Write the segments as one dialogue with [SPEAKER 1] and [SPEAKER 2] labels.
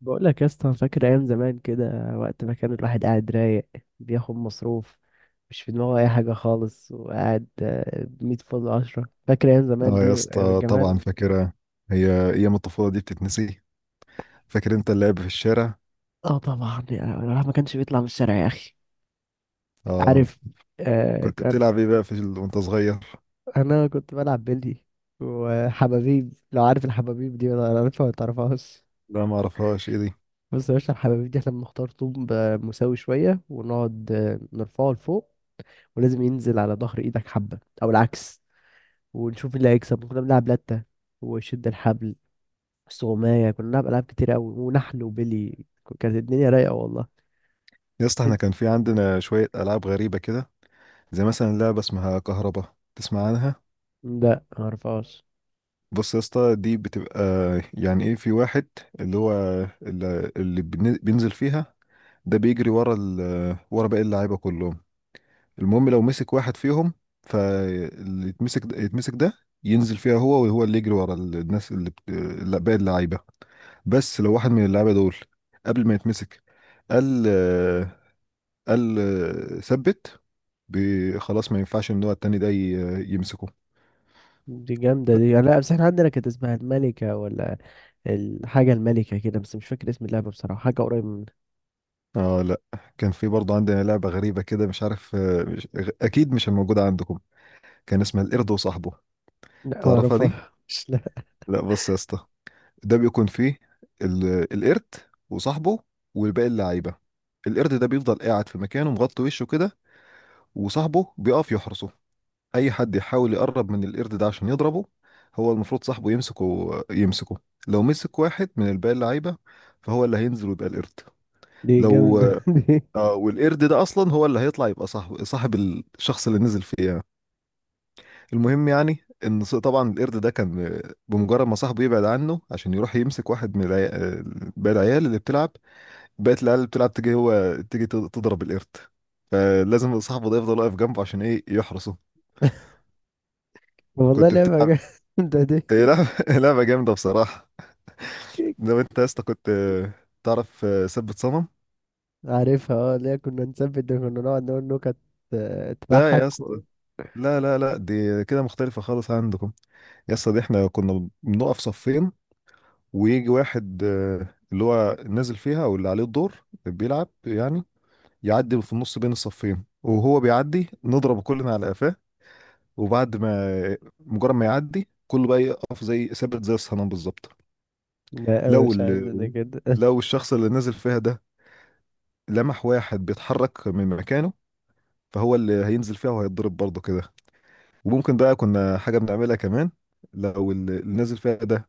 [SPEAKER 1] بقول لك يا اسطى، أنا فاكر ايام زمان كده، وقت ما كان الواحد قاعد رايق، بياخد مصروف، مش في دماغه اي حاجه خالص، وقاعد مية فل عشرة. فاكر ايام زمان
[SPEAKER 2] اه،
[SPEAKER 1] دي،
[SPEAKER 2] يا
[SPEAKER 1] ايام
[SPEAKER 2] اسطى،
[SPEAKER 1] الجمال.
[SPEAKER 2] طبعا فاكرها. هي ايام الطفولة دي بتتنسي. فاكر انت اللعب في الشارع؟
[SPEAKER 1] اه طبعا يعني الواحد ما كانش بيطلع من الشارع يا اخي.
[SPEAKER 2] اه.
[SPEAKER 1] عارف.
[SPEAKER 2] كنت
[SPEAKER 1] كان.
[SPEAKER 2] بتلعب ايه بقى وانت صغير؟
[SPEAKER 1] انا كنت بلعب بلي وحبابيب. لو عارف الحبابيب دي ولا عارفها ولا تعرفهاش؟
[SPEAKER 2] لا، ما اعرفهاش. ايه دي؟
[SPEAKER 1] بص يا باشا، الحبابيب دي احنا بنختار طوب مساوي شويه، ونقعد نرفعه لفوق، ولازم ينزل على ظهر ايدك حبه او العكس، ونشوف اللي هيكسب. كنا بنلعب لتة وشد الحبل، استغماية، كنا بنلعب ألعاب كتير أوي، ونحل وبيلي. كانت الدنيا رايقة والله.
[SPEAKER 2] يا اسطى، احنا
[SPEAKER 1] انت.
[SPEAKER 2] كان في عندنا شوية العاب غريبة كده، زي مثلا لعبة اسمها كهربا، تسمع عنها؟
[SPEAKER 1] لا معرفهاش.
[SPEAKER 2] بص يا اسطى، دي بتبقى، يعني ايه، في واحد، اللي هو، اللي بينزل فيها، ده بيجري ورا باقي اللعيبة كلهم. المهم لو مسك واحد فيهم، فاللي يتمسك ده ينزل فيها، هو وهو اللي يجري ورا الناس، اللي بت... لا، باقي اللعيبه. بس لو واحد من اللعيبه دول قبل ما يتمسك، قال آه، قال آه، ثبت، خلاص ما ينفعش ان هو التاني ده يمسكه.
[SPEAKER 1] دي جامدة دي. لا بس احنا عندنا كانت اسمها الملكة، ولا الحاجة الملكة كده، بس مش فاكر اسم اللعبة بصراحة، حاجة قريبة من.
[SPEAKER 2] اه، لا. كان في برضه عندنا لعبة غريبة كده، مش عارف، آه، مش... غ- اكيد مش موجودة عندكم. كان اسمها القرد وصاحبه.
[SPEAKER 1] لا
[SPEAKER 2] تعرفها دي؟
[SPEAKER 1] معرفهاش. لا.
[SPEAKER 2] لا، بص يا اسطى، ده بيكون فيه القرد، وصاحبه، والباقي اللعيبة. القرد ده بيفضل قاعد في مكانه، مغطي وشه كده، وصاحبه بيقف يحرسه. أي حد يحاول يقرب من القرد ده عشان يضربه، هو المفروض صاحبه يمسكه. لو مسك واحد من الباقي اللعيبة، فهو اللي هينزل ويبقى القرد.
[SPEAKER 1] دي
[SPEAKER 2] لو
[SPEAKER 1] جامدة دي.
[SPEAKER 2] آه، والقرد ده أصلا هو اللي هيطلع يبقى صاحب الشخص اللي نزل فيه يعني. المهم يعني ان طبعا القرد ده كان، بمجرد ما صاحبه يبعد عنه عشان يروح يمسك واحد من العيال، باقي العيال اللي بتلعب، بقت العيال اللي بتلعب تيجي، تضرب القرد، فلازم صاحبه ده يفضل واقف جنبه عشان ايه يحرسه.
[SPEAKER 1] والله
[SPEAKER 2] كنت
[SPEAKER 1] لعبة
[SPEAKER 2] بتلعب.
[SPEAKER 1] جامدة
[SPEAKER 2] هي
[SPEAKER 1] دي.
[SPEAKER 2] لعبة لعبة جامدة بصراحة. لو انت يا اسطى كنت تعرف ثبت صنم.
[SPEAKER 1] عارفها. اه اللي هي كنا نثبت ده، كنا نقعد نقول نكت،
[SPEAKER 2] لا يا
[SPEAKER 1] تضحك
[SPEAKER 2] اسطى، لا لا لا، دي كده مختلفة خالص عندكم. يا اسطى، دي احنا كنا بنقف صفين، ويجي واحد، اللي هو نازل فيها او اللي عليه الدور بيلعب يعني، يعدي في النص بين الصفين، وهو بيعدي نضرب كلنا على قفاه، وبعد ما مجرد ما يعدي كله بقى يقف زي ثابت زي الصنم بالظبط.
[SPEAKER 1] لا،
[SPEAKER 2] لو
[SPEAKER 1] مش عندنا
[SPEAKER 2] ال...
[SPEAKER 1] كده.
[SPEAKER 2] لو الشخص اللي نازل فيها ده لمح واحد بيتحرك من مكانه، فهو اللي هينزل فيها وهيتضرب برضه كده. وممكن بقى كنا حاجة بنعملها كمان، لو اللي نازل فيها ده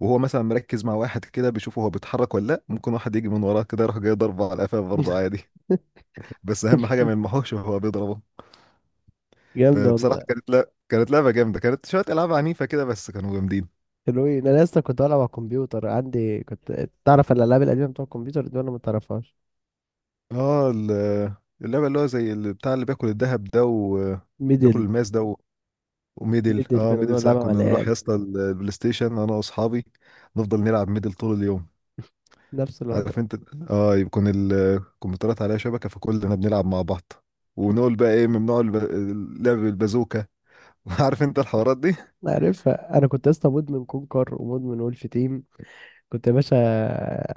[SPEAKER 2] وهو مثلا مركز مع واحد كده بيشوفه هو بيتحرك ولا لا، ممكن واحد يجي من وراه كده يروح جاي ضربه على قفاه برضه عادي، بس اهم حاجه ما يلمحوش وهو بيضربه.
[SPEAKER 1] جامد
[SPEAKER 2] فبصراحه،
[SPEAKER 1] والله.
[SPEAKER 2] كانت لا كانت لعبه جامده، كانت شويه العاب عنيفه كده بس كانوا جامدين.
[SPEAKER 1] الوي، انا لسه كنت بلعب على الكمبيوتر عندي. كنت تعرف الالعاب القديمه بتوع الكمبيوتر دي ولا ما تعرفش؟
[SPEAKER 2] اه، اللعبه اللي هو زي بتاع اللي بياكل الذهب ده وبياكل
[SPEAKER 1] ميدل.
[SPEAKER 2] الماس ده وميدل. اه
[SPEAKER 1] كنا
[SPEAKER 2] ميدل
[SPEAKER 1] بنقعد
[SPEAKER 2] ساعة
[SPEAKER 1] نلعبها مع
[SPEAKER 2] كنا نروح
[SPEAKER 1] العيال،
[SPEAKER 2] يا اسطى البلاي ستيشن انا واصحابي، نفضل نلعب ميدل طول اليوم.
[SPEAKER 1] نفس الوضع.
[SPEAKER 2] عارف انت. اه، يكون الكمبيوترات عليها شبكه، فكلنا بنلعب مع بعض، ونقول بقى ايه ممنوع لعب البازوكه. عارف انت الحوارات دي.
[SPEAKER 1] أنا عارفها، انا كنت لسه مدمن كونكر ومدمن ولف تيم، كنت يا باشا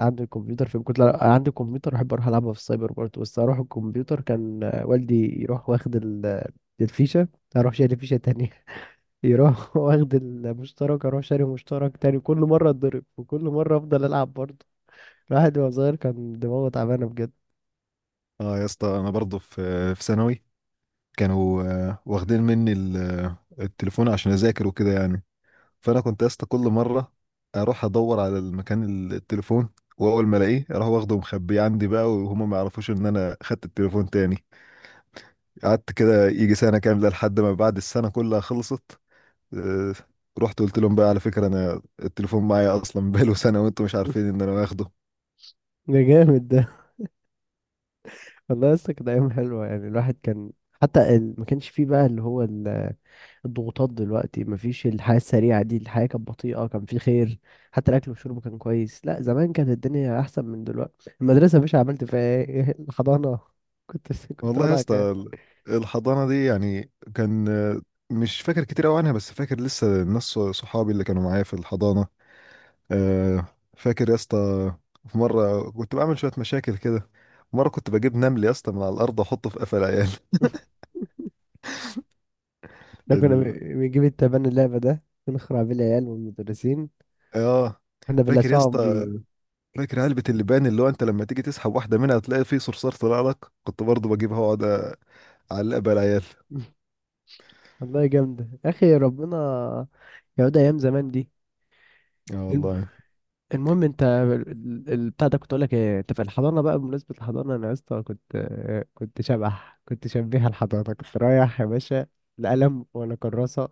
[SPEAKER 1] عندي الكمبيوتر في. كنت لا- عندي الكمبيوتر احب اروح العبها في السايبر برضه، بس اروح الكمبيوتر كان والدي يروح واخد الفيشه، اروح شاري فيشه تانية. يروح واخد المشترك، اروح شاري مشترك تاني. كل مره اتضرب، وكل مره افضل العب برضه. الواحد وهو صغير كان دماغه تعبانة بجد.
[SPEAKER 2] اه يا اسطى، انا برضه في ثانوي كانوا، واخدين مني التليفون عشان اذاكر وكده يعني. فانا كنت يا اسطى كل مره اروح ادور على المكان التليفون، واول ما الاقيه اروح واخده ومخبيه عندي بقى، وهم ما يعرفوش ان انا خدت التليفون تاني. قعدت كده يجي سنه كامله، لحد ما بعد السنه كلها خلصت، آه، رحت قلت لهم بقى على فكرة انا التليفون معايا اصلا بقاله سنة وانتم مش عارفين ان انا واخده.
[SPEAKER 1] ده جامد ده. والله لسه كانت أيام حلوة يعني. الواحد كان حتى ما كانش فيه بقى اللي هو الضغوطات دلوقتي، ما فيش الحياة السريعة دي، الحياة كانت بطيئة، كان فيه خير. حتى الأكل والشرب كان كويس. لا، زمان كانت الدنيا أحسن من دلوقتي. المدرسة مش عملت فيها إيه؟ الحضانة. كنت
[SPEAKER 2] والله يا
[SPEAKER 1] وضعك
[SPEAKER 2] اسطى،
[SPEAKER 1] إيه؟
[SPEAKER 2] الحضانة دي يعني كان، مش فاكر كتير قوي عنها، بس فاكر لسه الناس، صحابي اللي كانوا معايا في الحضانة. آه، فاكر يا اسطى، في مرة كنت بعمل شوية مشاكل كده، مرة كنت بجيب نمل يا اسطى من على الأرض وأحطه في قفا العيال.
[SPEAKER 1] احنا كنا
[SPEAKER 2] ال...
[SPEAKER 1] بنجيب التبني اللعبة ده، ونخرع بيه العيال والمدرسين،
[SPEAKER 2] آه
[SPEAKER 1] كنا
[SPEAKER 2] فاكر يا
[SPEAKER 1] بنلسعهم
[SPEAKER 2] اسطى،
[SPEAKER 1] بيه.
[SPEAKER 2] فاكر علبة اللبان اللي هو أنت لما تيجي تسحب واحدة منها تلاقي فيه صرصار طلع لك، كنت برضه بجيبها وأقعد علق بقى العيال.
[SPEAKER 1] والله جامدة يا أخي. ربنا يعود أيام زمان دي.
[SPEAKER 2] اه
[SPEAKER 1] الم-
[SPEAKER 2] والله.
[SPEAKER 1] المهم أنت بتاع ده، كنت أقول لك إيه؟ أنت في الحضانة بقى، بمناسبة الحضانة أنا يا اسطى كنت شبح، كنت شبيه الحضانة، كنت رايح يا باشا القلم وأنا كراسة،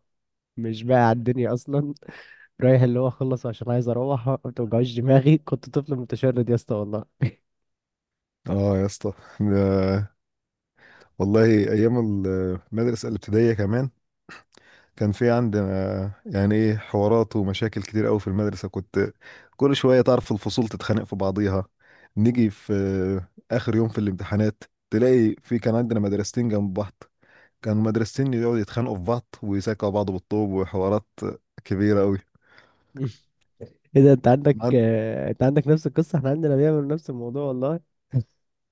[SPEAKER 1] مش بقى على الدنيا أصلا. رايح اللي هو أخلص عشان عايز أروح، ما توجعوش دماغي. كنت طفل متشرد يا اسطى والله.
[SPEAKER 2] اه يا اسطى، ده- والله ايام المدرسه الابتدائيه كمان، كان في عندنا، يعني ايه، حوارات ومشاكل كتير قوي في المدرسه، كنت كل شويه، تعرف، الفصول تتخانق في بعضيها. نيجي في اخر يوم في الامتحانات، تلاقي في، كان عندنا مدرستين جنب بعض، كانوا مدرستين يقعدوا يتخانقوا في بعض ويساكوا بعض بالطوب وحوارات كبيره قوي.
[SPEAKER 1] إيه ده، أنت عندك
[SPEAKER 2] عن-
[SPEAKER 1] آه، أنت عندك نفس القصة، إحنا عندنا بيعملوا نفس الموضوع والله،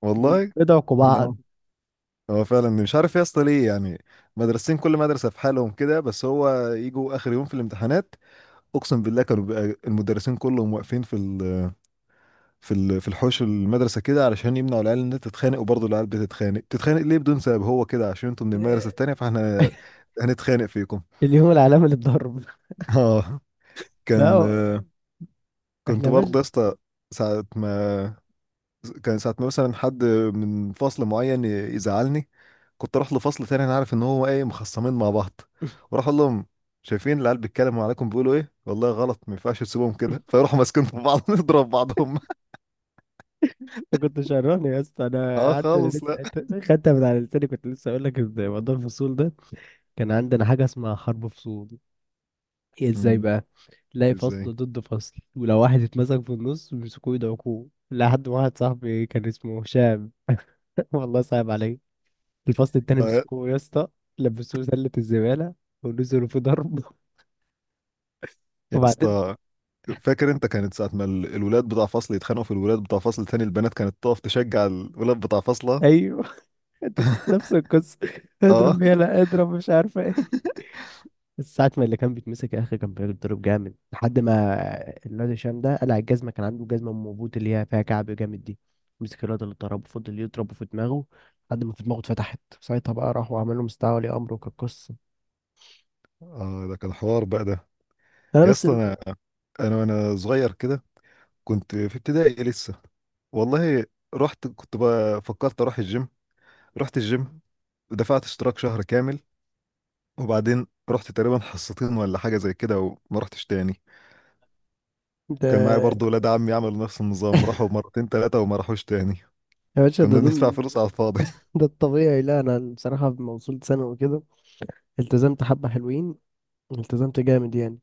[SPEAKER 2] والله.
[SPEAKER 1] بندعكوا بعض.
[SPEAKER 2] هو فعلا مش عارف يا اسطى ليه يعني، مدرستين كل مدرسة في حالهم كده، بس هو يجوا آخر يوم في الامتحانات، أقسم بالله كانوا بيبقى المدرسين كلهم واقفين في الحوش المدرسة كده علشان يمنعوا العيال إنها تتخانق، وبرضه العيال بتتخانق ليه بدون سبب، هو كده عشان انتوا من المدرسة التانية، فاحنا هنتخانق فيكم.
[SPEAKER 1] اليوم العالمي للضرب.
[SPEAKER 2] اه.
[SPEAKER 1] لا
[SPEAKER 2] كان،
[SPEAKER 1] هو-
[SPEAKER 2] كنت
[SPEAKER 1] احنا بس.
[SPEAKER 2] برضه يا اسطى، ساعة ما كان ساعة ما مثلا حد من فصل معين يزعلني، كنت اروح لفصل تاني، انا عارف ان هو ايه مخصمين مع بعض، واروح اقول لهم شايفين العيال بيتكلموا عليكم بيقولوا ايه، والله غلط ما ينفعش تسيبوهم كده، فيروحوا ماسكين في بعض نضرب بعضهم.
[SPEAKER 1] انت كنت شراني يا اسطى،
[SPEAKER 2] اه،
[SPEAKER 1] انا عندنا
[SPEAKER 2] خالص،
[SPEAKER 1] لسه
[SPEAKER 2] لا.
[SPEAKER 1] انت خدتها من على لساني، كنت لسه اقول لك إن موضوع الفصول ده، كان عندنا حاجه اسمها حرب فصول. هي ازاي
[SPEAKER 2] مم.
[SPEAKER 1] بقى؟ تلاقي
[SPEAKER 2] ازاي؟
[SPEAKER 1] فصل ضد فصل، ولو واحد اتمسك في النص بيمسكوه يدعكوه، لحد ما واحد صاحبي كان اسمه هشام. والله صعب عليه، الفصل التاني
[SPEAKER 2] آه يا
[SPEAKER 1] مسكوه يا اسطى، لبسوه سله الزباله ونزلوا في ضرب.
[SPEAKER 2] يا
[SPEAKER 1] وبعدين.
[SPEAKER 2] اسطى، فاكر انت كانت ساعة ما الولاد بتاع فصل يتخانقوا في الولاد بتاع فصل تاني، البنات كانت تقف تشجع الولاد بتاع فصلها.
[SPEAKER 1] ايوه. انتوا كنتوا نفس القصه،
[SPEAKER 2] اه.
[SPEAKER 1] اضرب يلا اضرب، مش عارفه إيه. ساعة ما اللي كان بيتمسك يا اخي كان بيتضرب جامد، لحد ما الواد هشام ده قلع الجزمة، كان عنده جزمة ام بوت اللي هي فيها كعب جامد دي، مسك الواد اللي ضربه فضل يضربه في دماغه لحد ما في دماغه اتفتحت. ساعتها بقى راح وعمل له مستدعى ولي امر، وكانت قصة.
[SPEAKER 2] اه، ده كان حوار بقى ده.
[SPEAKER 1] انا
[SPEAKER 2] يا
[SPEAKER 1] بس
[SPEAKER 2] اسطى، انا وانا صغير كده، كنت في ابتدائي لسه، والله رحت، كنت بقى فكرت اروح الجيم، رحت الجيم، ودفعت اشتراك شهر كامل، وبعدين رحت تقريبا حصتين ولا حاجة زي كده وما رحتش تاني. كان معايا
[SPEAKER 1] ده.
[SPEAKER 2] برضه ولاد عمي عملوا نفس النظام، راحوا مرتين تلاتة وما راحوش تاني.
[SPEAKER 1] يا باشا
[SPEAKER 2] كنا بندفع فلوس على الفاضي.
[SPEAKER 1] ده الطبيعي. لا انا بصراحة لما وصلت ثانوي وكده، التزمت حبة حلوين، التزمت جامد يعني،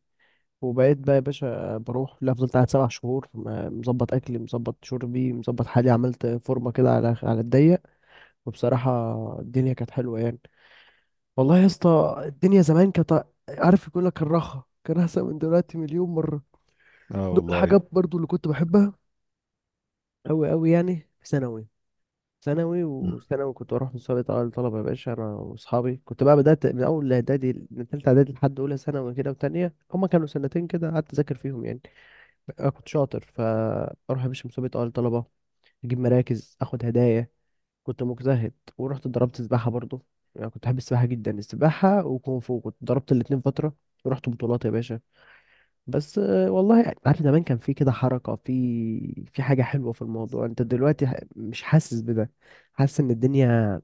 [SPEAKER 1] وبقيت بقى يا باشا بروح. لا فضلت قاعد سبع شهور، مظبط اكلي، مظبط شربي، مظبط حالي، عملت فورمه كده على الضيق. وبصراحة الدنيا كانت حلوة يعني. والله يا اسطى الدنيا زمان كانت، عارف يقول لك، الرخا كان أحسن من دلوقتي مليون مرة. من
[SPEAKER 2] اه
[SPEAKER 1] ضمن
[SPEAKER 2] والله.
[SPEAKER 1] الحاجات برضو اللي كنت بحبها أوي أوي يعني في ثانوي، ثانوي
[SPEAKER 2] مم.
[SPEAKER 1] وثانوي كنت بروح مسابقة أوائل الطلبة يا باشا أنا وأصحابي. كنت بقى بدأت من أول إعدادي، من تالتة إعدادي لحد أولى ثانوي كده وتانية، هما كانوا سنتين كده قعدت أذاكر فيهم يعني. أنا كنت شاطر، فأروح يا باشا مسابقة أوائل الطلبة، أجيب مراكز، أخد هدايا، كنت مجتهد. ورحت ضربت سباحة برضو، يعني كنت بحب السباحة جدا. السباحة وكونغ فو، كنت ضربت الاتنين فترة، ورحت بطولات يا باشا. بس والله يعني عارف، زمان كان في كده حركة، في حاجة حلوة في الموضوع. انت دلوقتي مش حاسس بده، حاسس ان الدنيا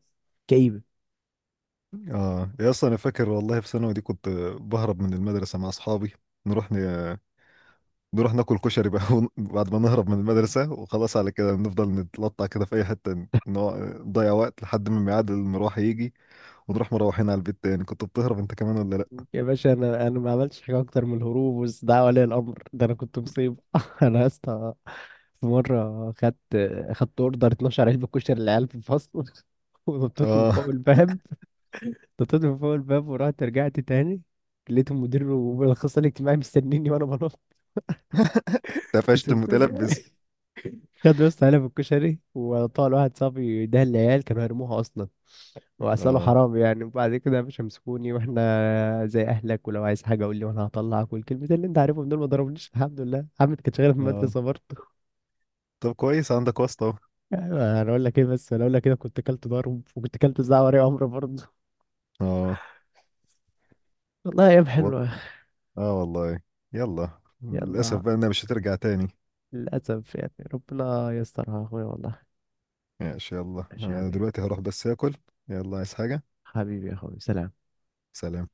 [SPEAKER 1] كئيبة.
[SPEAKER 2] اه يا، اصلا انا فاكر والله في ثانوي دي كنت بهرب من المدرسة مع اصحابي، نروح ن... نروح ناكل كشري بقى، بعد ما نهرب من المدرسة وخلاص على كده نفضل نتلطع كده في أي حتة، نضيع وقت لحد ما ميعاد المروح يجي، ونروح مروحين على البيت تاني. كنت بتهرب انت كمان ولا لا؟
[SPEAKER 1] يا باشا انا ما عملتش حاجة اكتر من الهروب، بس ده ولي الامر ده انا كنت مصيب. انا يا اسطى في مرة خدت، اوردر 12 علبة كشري للعيال في الفصل. ونطيت من
[SPEAKER 2] اه.
[SPEAKER 1] فوق الباب، ورحت رجعت تاني، لقيت المدير والاخصائي الاجتماعي مستنيني وانا بنط.
[SPEAKER 2] اتقفشت
[SPEAKER 1] يسيبوني،
[SPEAKER 2] متلبس.
[SPEAKER 1] خد بس علب الكشري وطال واحد صاحبي ده، العيال كانوا هيرموها اصلا، وعساله
[SPEAKER 2] اه.
[SPEAKER 1] حرام يعني. وبعد كده مش همسكوني، واحنا زي اهلك، ولو عايز حاجه قول لي وانا هطلعك، والكلمتين اللي انت عارفهم دول. ما ضربنيش الحمد لله، عمت كانت شغاله في
[SPEAKER 2] اه،
[SPEAKER 1] المدرسه برضه.
[SPEAKER 2] طب كويس عندك واسطة اهو.
[SPEAKER 1] أيوة، انا اقول لك ايه، بس انا اقول لك كده، كنت كلت ضرب، وكنت كلت زعوة وري امر برضه.
[SPEAKER 2] اه
[SPEAKER 1] والله ايام
[SPEAKER 2] وال-
[SPEAKER 1] حلوه.
[SPEAKER 2] اه والله. يلا، للأسف
[SPEAKER 1] يلا
[SPEAKER 2] بقى انها مش هترجع تاني.
[SPEAKER 1] للاسف يعني، ربنا يسترها يا اخويا والله.
[SPEAKER 2] ماشي، يلا،
[SPEAKER 1] ماشي يا
[SPEAKER 2] انا
[SPEAKER 1] حبيبي.
[SPEAKER 2] دلوقتي هروح بس اكل. يلا، عايز حاجة.
[SPEAKER 1] حبيبي يا اخوي، سلام.
[SPEAKER 2] سلام.